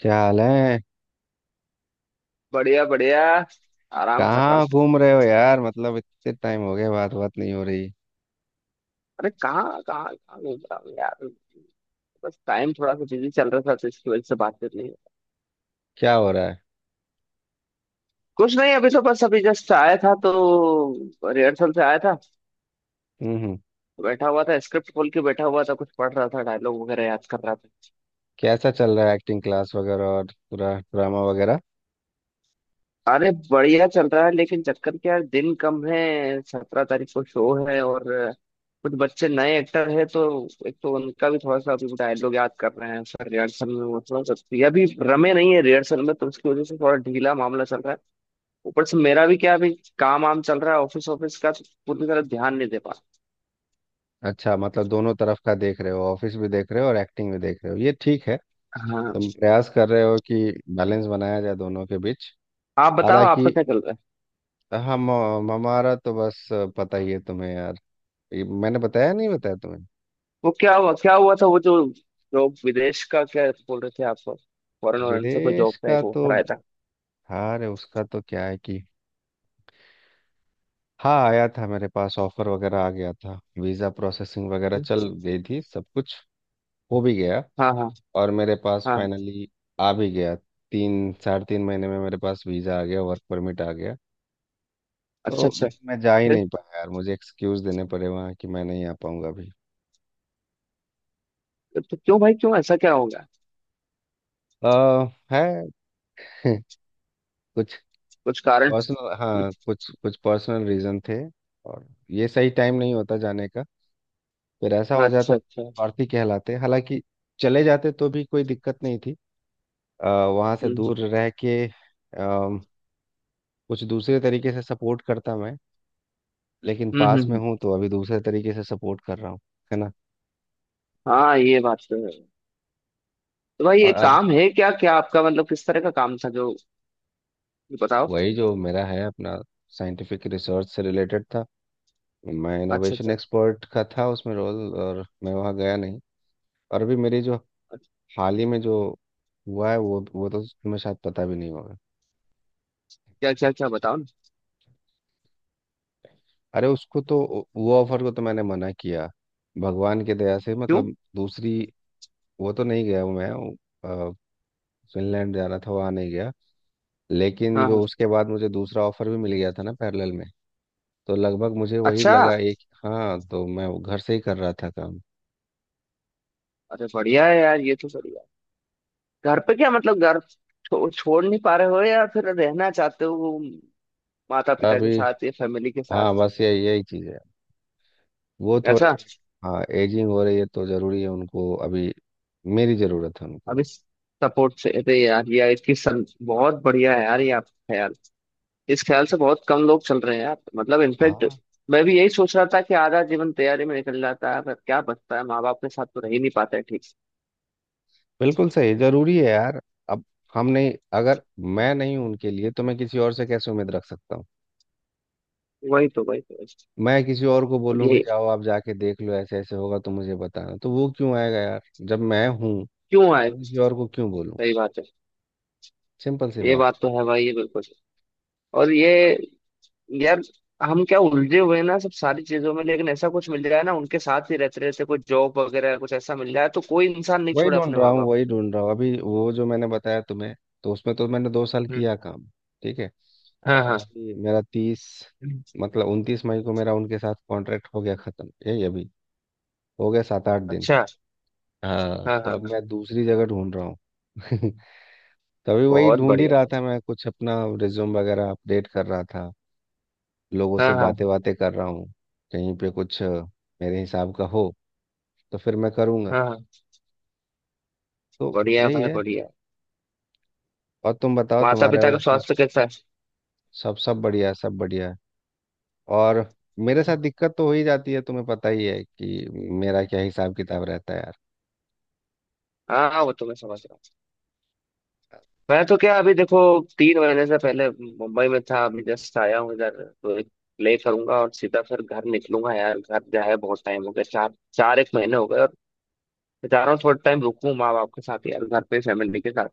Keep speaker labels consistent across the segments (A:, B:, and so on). A: क्या हाल है।
B: बढ़िया बढ़िया। आराम कर रहा हूँ।
A: कहाँ घूम रहे हो यार? मतलब इतने टाइम हो गया, बात बात नहीं हो रही।
B: अरे कहाँ कहाँ कहाँ घूम रहा हूँ यार। बस टाइम थोड़ा सा बिजी चल रहा था तो इसकी वजह से बातचीत नहीं हुई।
A: क्या हो रहा है?
B: कुछ नहीं, अभी तो बस अभी जस्ट आया था, तो रिहर्सल से आया था।
A: हम्म। हम्म।
B: बैठा हुआ था, स्क्रिप्ट खोल के बैठा हुआ था, कुछ पढ़ रहा था, डायलॉग वगैरह याद कर रहा था।
A: कैसा चल रहा है एक्टिंग क्लास वगैरह? और पूरा ड्रामा वगैरह?
B: अरे बढ़िया चल रहा है, लेकिन चक्कर क्या है, दिन कम है। 17 तारीख को शो है, और कुछ बच्चे नए एक्टर हैं, तो एक तो उनका भी थोड़ा सा अभी डायलॉग याद कर रहे हैं सर, रिहर्सल में वो थोड़ा सा ये अभी रमे नहीं है रिहर्सल में, तो उसकी वजह से थोड़ा ढीला मामला चल रहा है। ऊपर से मेरा भी क्या, अभी काम वाम चल रहा है, ऑफिस ऑफिस का तो पूरी तरह ध्यान नहीं दे पा
A: अच्छा, मतलब दोनों तरफ का देख रहे हो, ऑफिस भी देख रहे हो और एक्टिंग भी देख रहे हो, ये ठीक है।
B: रहा। हाँ।
A: तुम प्रयास कर रहे हो कि बैलेंस बनाया जाए दोनों के बीच।
B: आप बताओ
A: हालांकि
B: आपका क्या चल रहा है।
A: हम हमारा तो बस पता ही है तुम्हें यार। ये मैंने बताया नहीं बताया तुम्हें?
B: वो क्या हुआ, क्या हुआ था, वो जो जो विदेश का क्या बोल रहे थे आप, फॉरेन वॉरेन से कोई
A: विदेश
B: जॉब का
A: का
B: एक
A: तो
B: ऑफर आया था?
A: हार है उसका। तो क्या है कि हाँ, आया था मेरे पास, ऑफर वगैरह आ गया था, वीज़ा प्रोसेसिंग वगैरह चल गई थी, सब कुछ हो भी गया।
B: हाँ हाँ
A: और मेरे पास
B: हाँ।
A: फाइनली आ भी गया। 3 साढ़े 3 महीने में मेरे पास वीज़ा आ गया, वर्क परमिट आ गया। तो
B: अच्छा अच्छा।
A: लेकिन मैं जा ही
B: फिर?
A: नहीं पाया यार, मुझे एक्सक्यूज़ देने पड़े वहाँ कि मैं नहीं आ पाऊँगा अभी।
B: तो क्यों भाई, क्यों, ऐसा क्या होगा?
A: आ, है कुछ
B: कुछ कारण?
A: पर्सनल। हाँ, कुछ कुछ पर्सनल रीज़न थे। और ये सही टाइम नहीं होता जाने का। फिर ऐसा हो
B: अच्छा
A: जाता
B: अच्छा।
A: है अर्थी कहलाते। हालांकि चले जाते तो भी कोई दिक्कत नहीं थी, वहां से
B: हम्म
A: दूर रह के अम, कुछ दूसरे तरीके से सपोर्ट करता मैं। लेकिन
B: हम्म
A: पास
B: हम्म
A: में
B: हम्म।
A: हूँ तो अभी दूसरे तरीके से सपोर्ट कर रहा हूँ। है ना।
B: हाँ, ये बात तो है। तो भाई
A: और
B: ये
A: अब
B: काम है क्या, क्या आपका मतलब किस तरह का काम था जो? बताओ।
A: वही जो मेरा है अपना, साइंटिफिक रिसर्च से रिलेटेड था। मैं
B: अच्छा
A: इनोवेशन
B: अच्छा।
A: एक्सपर्ट का था उसमें रोल, और मैं वहाँ गया नहीं। और अभी मेरी जो हाल ही में जो हुआ है वो तो तुम्हें शायद पता भी नहीं होगा।
B: क्या क्या क्या, बताओ ना?
A: अरे उसको तो, वो ऑफर को तो मैंने मना किया भगवान की दया से।
B: क्यों?
A: मतलब दूसरी, वो तो नहीं गया हूँ मैं। फिनलैंड जाना था, वहाँ नहीं गया। लेकिन
B: हाँ हाँ।
A: जो उसके बाद मुझे दूसरा ऑफर भी मिल गया था ना पैरेलल में। तो लगभग मुझे वही
B: अच्छा।
A: लगा एक। हाँ, तो मैं वो घर से ही कर रहा था काम।
B: अरे बढ़िया है यार, ये तो बढ़िया है। घर पे क्या मतलब, घर छोड़ नहीं पा रहे हो या फिर रहना चाहते हो माता पिता के
A: अभी
B: साथ या फैमिली के
A: हाँ,
B: साथ?
A: बस ये यही चीज़ है। वो थोड़े
B: ऐसा?
A: हाँ, एजिंग हो रही है तो ज़रूरी है उनको, अभी मेरी ज़रूरत है
B: अब
A: उनको।
B: इस सपोर्ट से, अरे यार ये बहुत बढ़िया है यार, ये आपका ख्याल। इस ख्याल से बहुत कम लोग चल रहे हैं यार, मतलब इनफैक्ट
A: हाँ
B: मैं भी यही सोच रहा था कि आधा जीवन तैयारी में निकल जाता है, पर क्या बचता है, माँ बाप के साथ तो रह ही नहीं पाते ठीक से।
A: बिल्कुल सही, ज़रूरी है यार। अब हम नहीं, अगर मैं नहीं हूं उनके लिए तो मैं किसी और से कैसे उम्मीद रख सकता हूँ।
B: वही तो वही तो वही तो।
A: मैं किसी और को
B: अब
A: बोलूँ कि
B: ये,
A: जाओ आप जाके देख लो, ऐसे ऐसे होगा तो मुझे बताना, तो वो क्यों आएगा यार? जब मैं हूँ
B: क्यों आए?
A: किसी और को क्यों बोलूं?
B: सही बात है।
A: सिंपल सी
B: ये
A: बात।
B: बात तो है भाई, ये बिल्कुल। और ये, यार हम क्या उलझे हुए हैं ना सब सारी चीजों में, लेकिन ऐसा कुछ मिल जाए ना उनके साथ ही रहते रहते, कोई जॉब वगैरह कुछ ऐसा मिल जाए, तो कोई इंसान नहीं
A: वही
B: छोड़े
A: ढूंढ
B: अपने
A: रहा
B: माँ
A: हूँ,
B: बाप।
A: वही ढूंढ रहा हूँ अभी। वो जो मैंने बताया तुम्हें, तो उसमें तो मैंने 2 साल
B: हम्म।
A: किया काम। ठीक है।
B: हाँ
A: और
B: हाँ।
A: अभी मेरा तीस मतलब 29 मई को मेरा उनके साथ कॉन्ट्रैक्ट हो गया खत्म। यही अभी हो गया 7-8 दिन।
B: अच्छा।
A: हाँ,
B: हाँ
A: तो
B: हाँ
A: अब
B: हाँ।
A: मैं दूसरी जगह ढूंढ रहा हूँ। तो अभी वही
B: बहुत
A: ढूंढ ही
B: बढ़िया,
A: रहा था
B: बहुत।
A: मैं कुछ अपना, रिज्यूम वगैरह अपडेट कर रहा था, लोगों से
B: हाँ
A: बातें
B: हाँ
A: बातें कर रहा हूँ। कहीं पे कुछ मेरे हिसाब का हो तो फिर मैं करूँगा।
B: हाँ हाँ।
A: तो
B: बढ़िया
A: यही
B: भाई
A: है।
B: बढ़िया।
A: और तुम बताओ
B: माता
A: तुम्हारे
B: पिता का
A: उसमें?
B: स्वास्थ्य कैसा है?
A: सब सब बढ़िया है, सब बढ़िया है। और मेरे साथ दिक्कत तो हो ही जाती है, तुम्हें पता ही है कि मेरा क्या हिसाब किताब रहता है यार।
B: हाँ हाँ, वो तो मैं समझ रहा हूँ। मैं तो क्या, अभी देखो, 3 महीने से पहले मुंबई में था, अभी जस्ट आया हूँ इधर। तो एक प्ले करूंगा और सीधा फिर घर निकलूंगा यार, घर जा है बहुत टाइम हो गया, चार चार एक महीने हो गए, और मैं चाह रहा हूँ थोड़ा टाइम रुकूं माँ बाप के साथ यार, घर पे फैमिली के साथ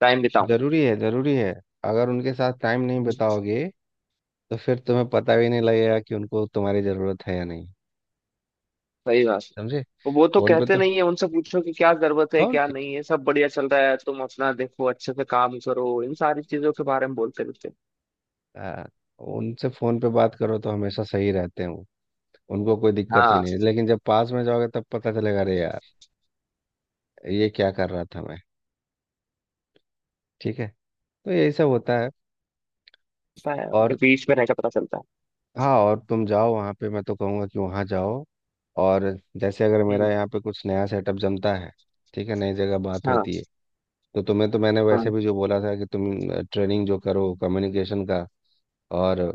B: टाइम बिताऊं।
A: जरूरी है, जरूरी है। अगर उनके साथ टाइम नहीं
B: हम्म।
A: बिताओगे तो फिर तुम्हें पता भी नहीं लगेगा कि उनको तुम्हारी जरूरत है या नहीं।
B: सही बात है।
A: समझे।
B: तो वो तो
A: फोन पे
B: कहते
A: तो
B: नहीं है, उनसे पूछो कि क्या जरूरत है
A: और
B: क्या
A: क्या।
B: नहीं है, सब बढ़िया चल रहा है, तुम अपना देखो अच्छे से काम करो, इन सारी चीजों के बारे में बोलते रहते हैं।
A: हाँ, उनसे फोन पे बात करो तो हमेशा सही रहते हैं वो, उनको कोई दिक्कत ही
B: हाँ,
A: नहीं। लेकिन जब पास में जाओगे तब पता चलेगा, अरे यार ये क्या कर रहा था मैं। ठीक है, तो यही सब होता है।
B: पता है, उनके
A: और
B: बीच में रहकर पता चलता
A: हाँ, और तुम जाओ वहाँ पे, मैं तो कहूँगा कि वहाँ जाओ। और जैसे अगर
B: है।
A: मेरा यहाँ पे कुछ नया सेटअप जमता है, ठीक है, नई जगह बात
B: हाँ
A: होती है। तो तुम्हें तो मैंने वैसे
B: हाँ
A: भी जो बोला था कि तुम ट्रेनिंग जो करो कम्युनिकेशन का और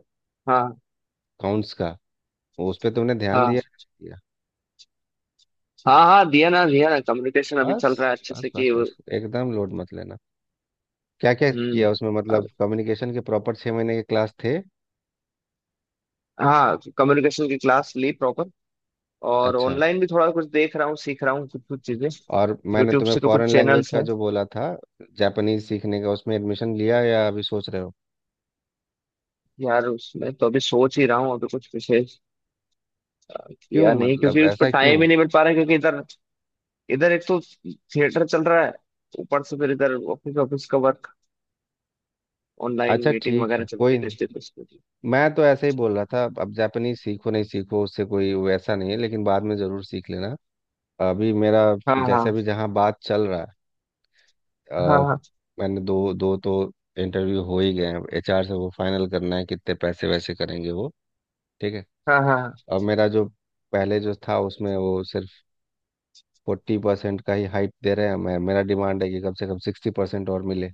B: हाँ।
A: अकाउंट्स का, उस पे तुमने ध्यान
B: हाँ
A: दिया? दिया?
B: हाँ हाँ, दिया ना, दिया ना, कम्युनिकेशन अभी
A: बस,
B: चल रहा है अच्छे
A: बस,
B: से, कि
A: बस, बस, एकदम लोड मत लेना। क्या क्या किया
B: हम्म
A: उसमें? मतलब
B: अब-
A: कम्युनिकेशन के प्रॉपर 6 महीने के क्लास थे?
B: हाँ, कम्युनिकेशन की क्लास ली प्रॉपर। और
A: अच्छा।
B: ऑनलाइन भी थोड़ा कुछ देख रहा हूँ, सीख रहा हूँ कुछ कुछ चीजें।
A: और मैंने
B: यूट्यूब
A: तुम्हें
B: से तो
A: फॉरेन
B: कुछ
A: लैंग्वेज
B: चैनल्स
A: का
B: हैं।
A: जो बोला था, जापानीज सीखने का, उसमें एडमिशन लिया या अभी सोच रहे हो?
B: यार उसमें तो अभी सोच ही रहा हूँ, अभी कुछ विशेष
A: क्यों?
B: किया नहीं,
A: मतलब
B: क्योंकि उस पर
A: ऐसा क्यों?
B: टाइम ही नहीं मिल पा रहा है, क्योंकि इधर इधर एक तो थिएटर चल रहा है, ऊपर से फिर इधर ऑफिस ऑफिस का वर्क, ऑनलाइन
A: अच्छा
B: मीटिंग
A: ठीक है,
B: वगैरह
A: कोई
B: चलती
A: नहीं,
B: रहती है, तो उसके लिए।
A: मैं तो ऐसे ही बोल रहा था। अब जापानीज सीखो नहीं सीखो उससे कोई वैसा नहीं है, लेकिन बाद में जरूर सीख लेना। अभी मेरा
B: हाँ
A: जैसे
B: हाँ
A: अभी जहाँ बात चल रहा है,
B: हाँ।
A: अ,
B: हाँ
A: मैंने 2-2 तो इंटरव्यू हो ही गए हैं HR से। वो फाइनल करना है कितने पैसे वैसे करेंगे वो। ठीक है।
B: हाँ हाँ।
A: अब मेरा जो पहले जो था उसमें वो सिर्फ 40% का ही हाइट दे रहे हैं, मैं मेरा डिमांड है कि कम से कम 60% और मिले।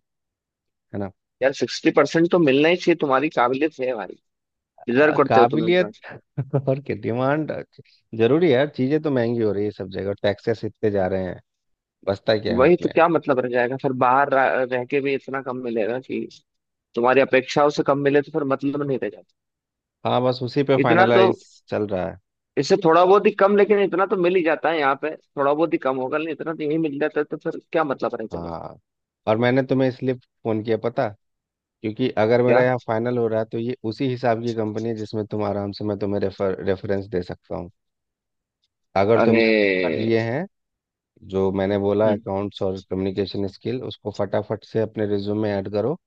A: है ना।
B: यार, 60% तो मिलना ही चाहिए, तुम्हारी काबिलियत है भाई, डिजर्व करते हो तुम
A: काबिलियत
B: इतना।
A: और क्या डिमांड। जरूरी है यार, चीजें तो महंगी हो रही है, सब जगह टैक्सेस इतने जा रहे हैं, बचता क्या है
B: वही
A: हाथ में
B: तो,
A: यार।
B: क्या मतलब रह जाएगा फिर, बाहर रह रह के भी इतना कम मिलेगा कि, तुम्हारी अपेक्षाओं से कम मिले तो फिर मतलब नहीं रह जाता।
A: हाँ, बस उसी पे
B: इतना तो,
A: फाइनलाइज चल रहा है।
B: इससे थोड़ा बहुत ही कम, लेकिन इतना तो मिल ही जाता है, यहाँ पे थोड़ा बहुत ही कम होगा लेकिन इतना तो यही मिल जाता है, तो फिर क्या मतलब रह जाएगा?
A: हाँ, और मैंने तुम्हें इसलिए फोन किया पता क्योंकि अगर मेरा
B: क्या?
A: यहाँ फाइनल हो रहा है, तो ये उसी हिसाब की कंपनी है जिसमें तुम आराम से, मैं तुम्हें रेफरेंस दे सकता हूँ। अगर
B: अरे।
A: तुमने वो कर लिए हैं जो मैंने बोला
B: हम्म।
A: अकाउंट्स और कम्युनिकेशन स्किल, उसको फटाफट से अपने रिज्यूम में ऐड करो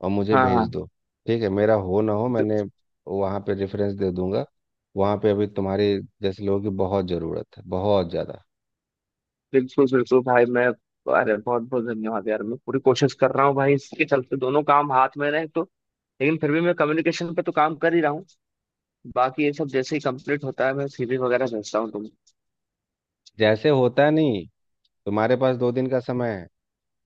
A: और मुझे
B: हाँ
A: भेज
B: हाँ।
A: दो। ठीक है, मेरा हो ना हो मैंने
B: बि-
A: वहाँ पे रेफरेंस दे दूंगा। वहाँ पे अभी तुम्हारे जैसे लोगों की बहुत ज़रूरत है, बहुत ज़्यादा।
B: बिल्कुल बिल्कुल भाई, मैं, अरे बहुत बहुत धन्यवाद यार, मैं पूरी कोशिश कर रहा हूँ भाई, इसके चलते दोनों काम हाथ में रहे तो, लेकिन फिर भी मैं कम्युनिकेशन पे तो काम कर ही रहा हूँ। बाकी ये सब जैसे ही कंप्लीट होता है मैं सीवी वगैरह भेजता हूँ, तुम।
A: जैसे होता है नहीं, तुम्हारे पास 2 दिन का समय है।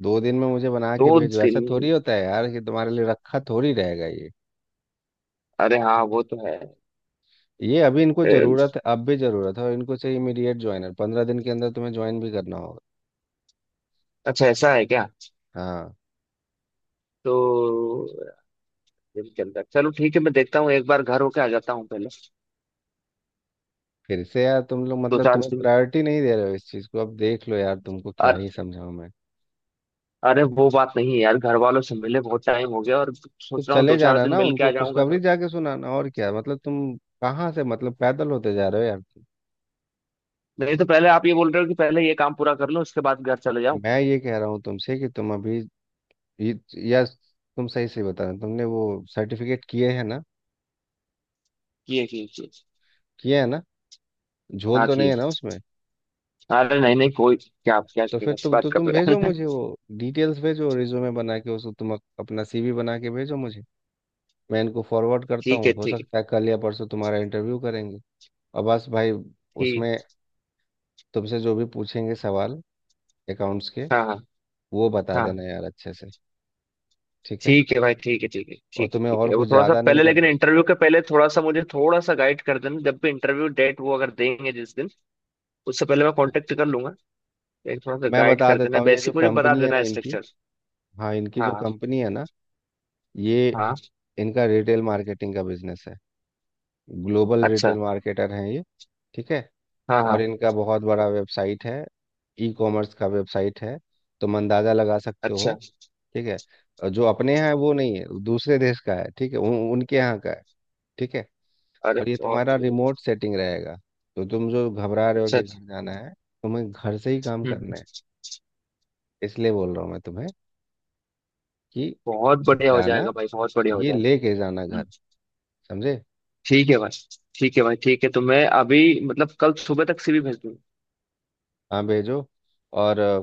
A: दो दिन में मुझे बना
B: दो
A: के भेजो। ऐसा
B: दिन
A: थोड़ी होता है यार कि तुम्हारे लिए रखा थोड़ी रहेगा ये।
B: अरे हाँ, वो तो है।
A: ये अभी इनको
B: ए,
A: ज़रूरत है, अब भी ज़रूरत है, और इनको चाहिए इमीडिएट ज्वाइनर, 15 दिन के अंदर तुम्हें ज्वाइन भी करना होगा।
B: अच्छा ऐसा है क्या?
A: हाँ।
B: तो दिन के अंदर, चलो ठीक है, मैं देखता हूँ, एक बार घर होके आ जाता हूँ पहले।
A: फिर से यार तुम लोग
B: दो
A: मतलब
B: चार
A: तुम्हें
B: दिन
A: प्रायोरिटी नहीं दे रहे हो इस चीज़ को। अब देख लो यार, तुमको क्या
B: अर,
A: ही समझाऊं मैं।
B: अरे वो बात नहीं है यार, घर वालों से मिले बहुत टाइम हो गया और
A: तो
B: सोच रहा हूँ
A: चले
B: दो चार
A: जाना
B: दिन
A: ना,
B: मिल के
A: उनको
B: आ जाऊंगा
A: खुशखबरी
B: तो।
A: जाके सुनाना और क्या। मतलब तुम कहाँ से, मतलब पैदल होते जा रहे हो यार तुम।
B: नहीं तो पहले आप ये बोल रहे हो कि पहले ये काम पूरा कर लो, उसके बाद घर चले जाओ।
A: मैं ये कह रहा हूँ तुमसे कि तुम अभी ये- या तुम सही से बता रहे हो, तुमने वो सर्टिफिकेट किए हैं ना?
B: किए किए किए।
A: किए हैं ना? झोल
B: हाँ
A: तो नहीं
B: किए।
A: है ना उसमें?
B: अरे नहीं नहीं, कोई क्या
A: तो फिर
B: क्या, बात
A: तुम
B: कर रहे
A: भेजो
B: हैं?
A: मुझे वो डिटेल्स, भेजो रिज्यूमे बना के, उसको तुम अपना CV बना के भेजो मुझे। मैं इनको फॉरवर्ड करता
B: ठीक है
A: हूँ, हो
B: ठीक है।
A: सकता है कल या परसों तुम्हारा इंटरव्यू करेंगे। और बस भाई,
B: ठीक।
A: उसमें तुमसे जो भी पूछेंगे सवाल अकाउंट्स के,
B: हाँ हाँ
A: वो बता
B: हाँ।
A: देना यार अच्छे से। ठीक है।
B: ठीक है भाई, ठीक है ठीक है,
A: और
B: ठीक है
A: तुम्हें
B: ठीक
A: और
B: है, वो
A: कुछ
B: थोड़ा सा
A: ज़्यादा नहीं
B: पहले लेकिन,
A: करना।
B: इंटरव्यू के पहले थोड़ा सा मुझे, थोड़ा सा गाइड कर देना, जब भी इंटरव्यू डेट वो अगर देंगे जिस दिन, उससे पहले मैं
A: हाँ।
B: कांटेक्ट कर लूंगा, लेकिन थोड़ा सा
A: मैं
B: गाइड
A: बता
B: कर
A: देता
B: देना
A: हूँ ये जो
B: बेसिक, मुझे बता
A: कंपनी है ना
B: देना
A: इनकी,
B: स्ट्रक्चर।
A: हाँ इनकी जो
B: हाँ
A: कंपनी है ना, ये
B: हाँ।
A: इनका रिटेल मार्केटिंग का बिजनेस है, ग्लोबल
B: अच्छा।
A: रिटेल मार्केटर हैं ये। ठीक है।
B: हाँ
A: और
B: हाँ।
A: इनका बहुत बड़ा वेबसाइट है, ई कॉमर्स का वेबसाइट है, तुम अंदाज़ा लगा सकते हो।
B: अच्छा।
A: ठीक है। और जो अपने यहाँ है वो नहीं है, दूसरे देश का है। ठीक है। उनके यहाँ का है। ठीक है।
B: अरे
A: और ये
B: बहुत
A: तुम्हारा रिमोट
B: बढ़िया।
A: सेटिंग रहेगा, तो तुम जो घबरा रहे हो
B: अच्छा
A: कि
B: अच्छा,
A: घर जाना है, तुम्हें घर से ही काम
B: हम्म
A: करना है, इसलिए बोल रहा हूँ मैं तुम्हें कि
B: बहुत बढ़िया हो
A: जाना,
B: जाएगा भाई, बहुत बढ़िया हो
A: ये
B: जाएगा।
A: लेके जाना घर।
B: हम्म।
A: समझे।
B: ठीक है भाई, ठीक है भाई, ठीक है, तो मैं अभी मतलब कल सुबह तक सीवी भेज दूंगा।
A: हाँ, भेजो। और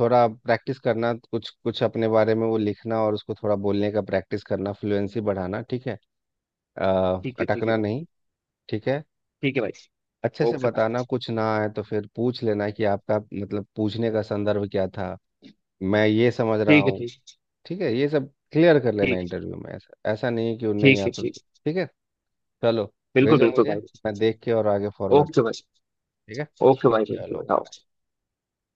A: थोड़ा प्रैक्टिस करना, कुछ कुछ अपने बारे में वो लिखना और उसको थोड़ा बोलने का प्रैक्टिस करना, फ्लुएंसी बढ़ाना। ठीक है। अ,
B: ठीक है
A: अटकना नहीं।
B: भाई।
A: ठीक है।
B: ठीक है भाई।
A: अच्छे से
B: ओके भाई,
A: बताना, कुछ ना आए तो फिर पूछ लेना कि आपका मतलब पूछने का संदर्भ क्या था, मैं ये समझ रहा
B: ठीक है
A: हूँ।
B: ठीक है।
A: ठीक है, ये सब क्लियर कर लेना
B: ठीक।
A: इंटरव्यू में, ऐसा ऐसा नहीं है कि वो नहीं
B: ठीक है
A: आता
B: ठीक।
A: तो। ठीक है। चलो,
B: बिल्कुल
A: भेजो
B: बिल्कुल
A: मुझे,
B: भाई।
A: मैं देख के और आगे फॉरवर्ड।
B: ओके भाई।
A: ठीक है,
B: ओके भाई, थैंक यू। बताओ।
A: चलो।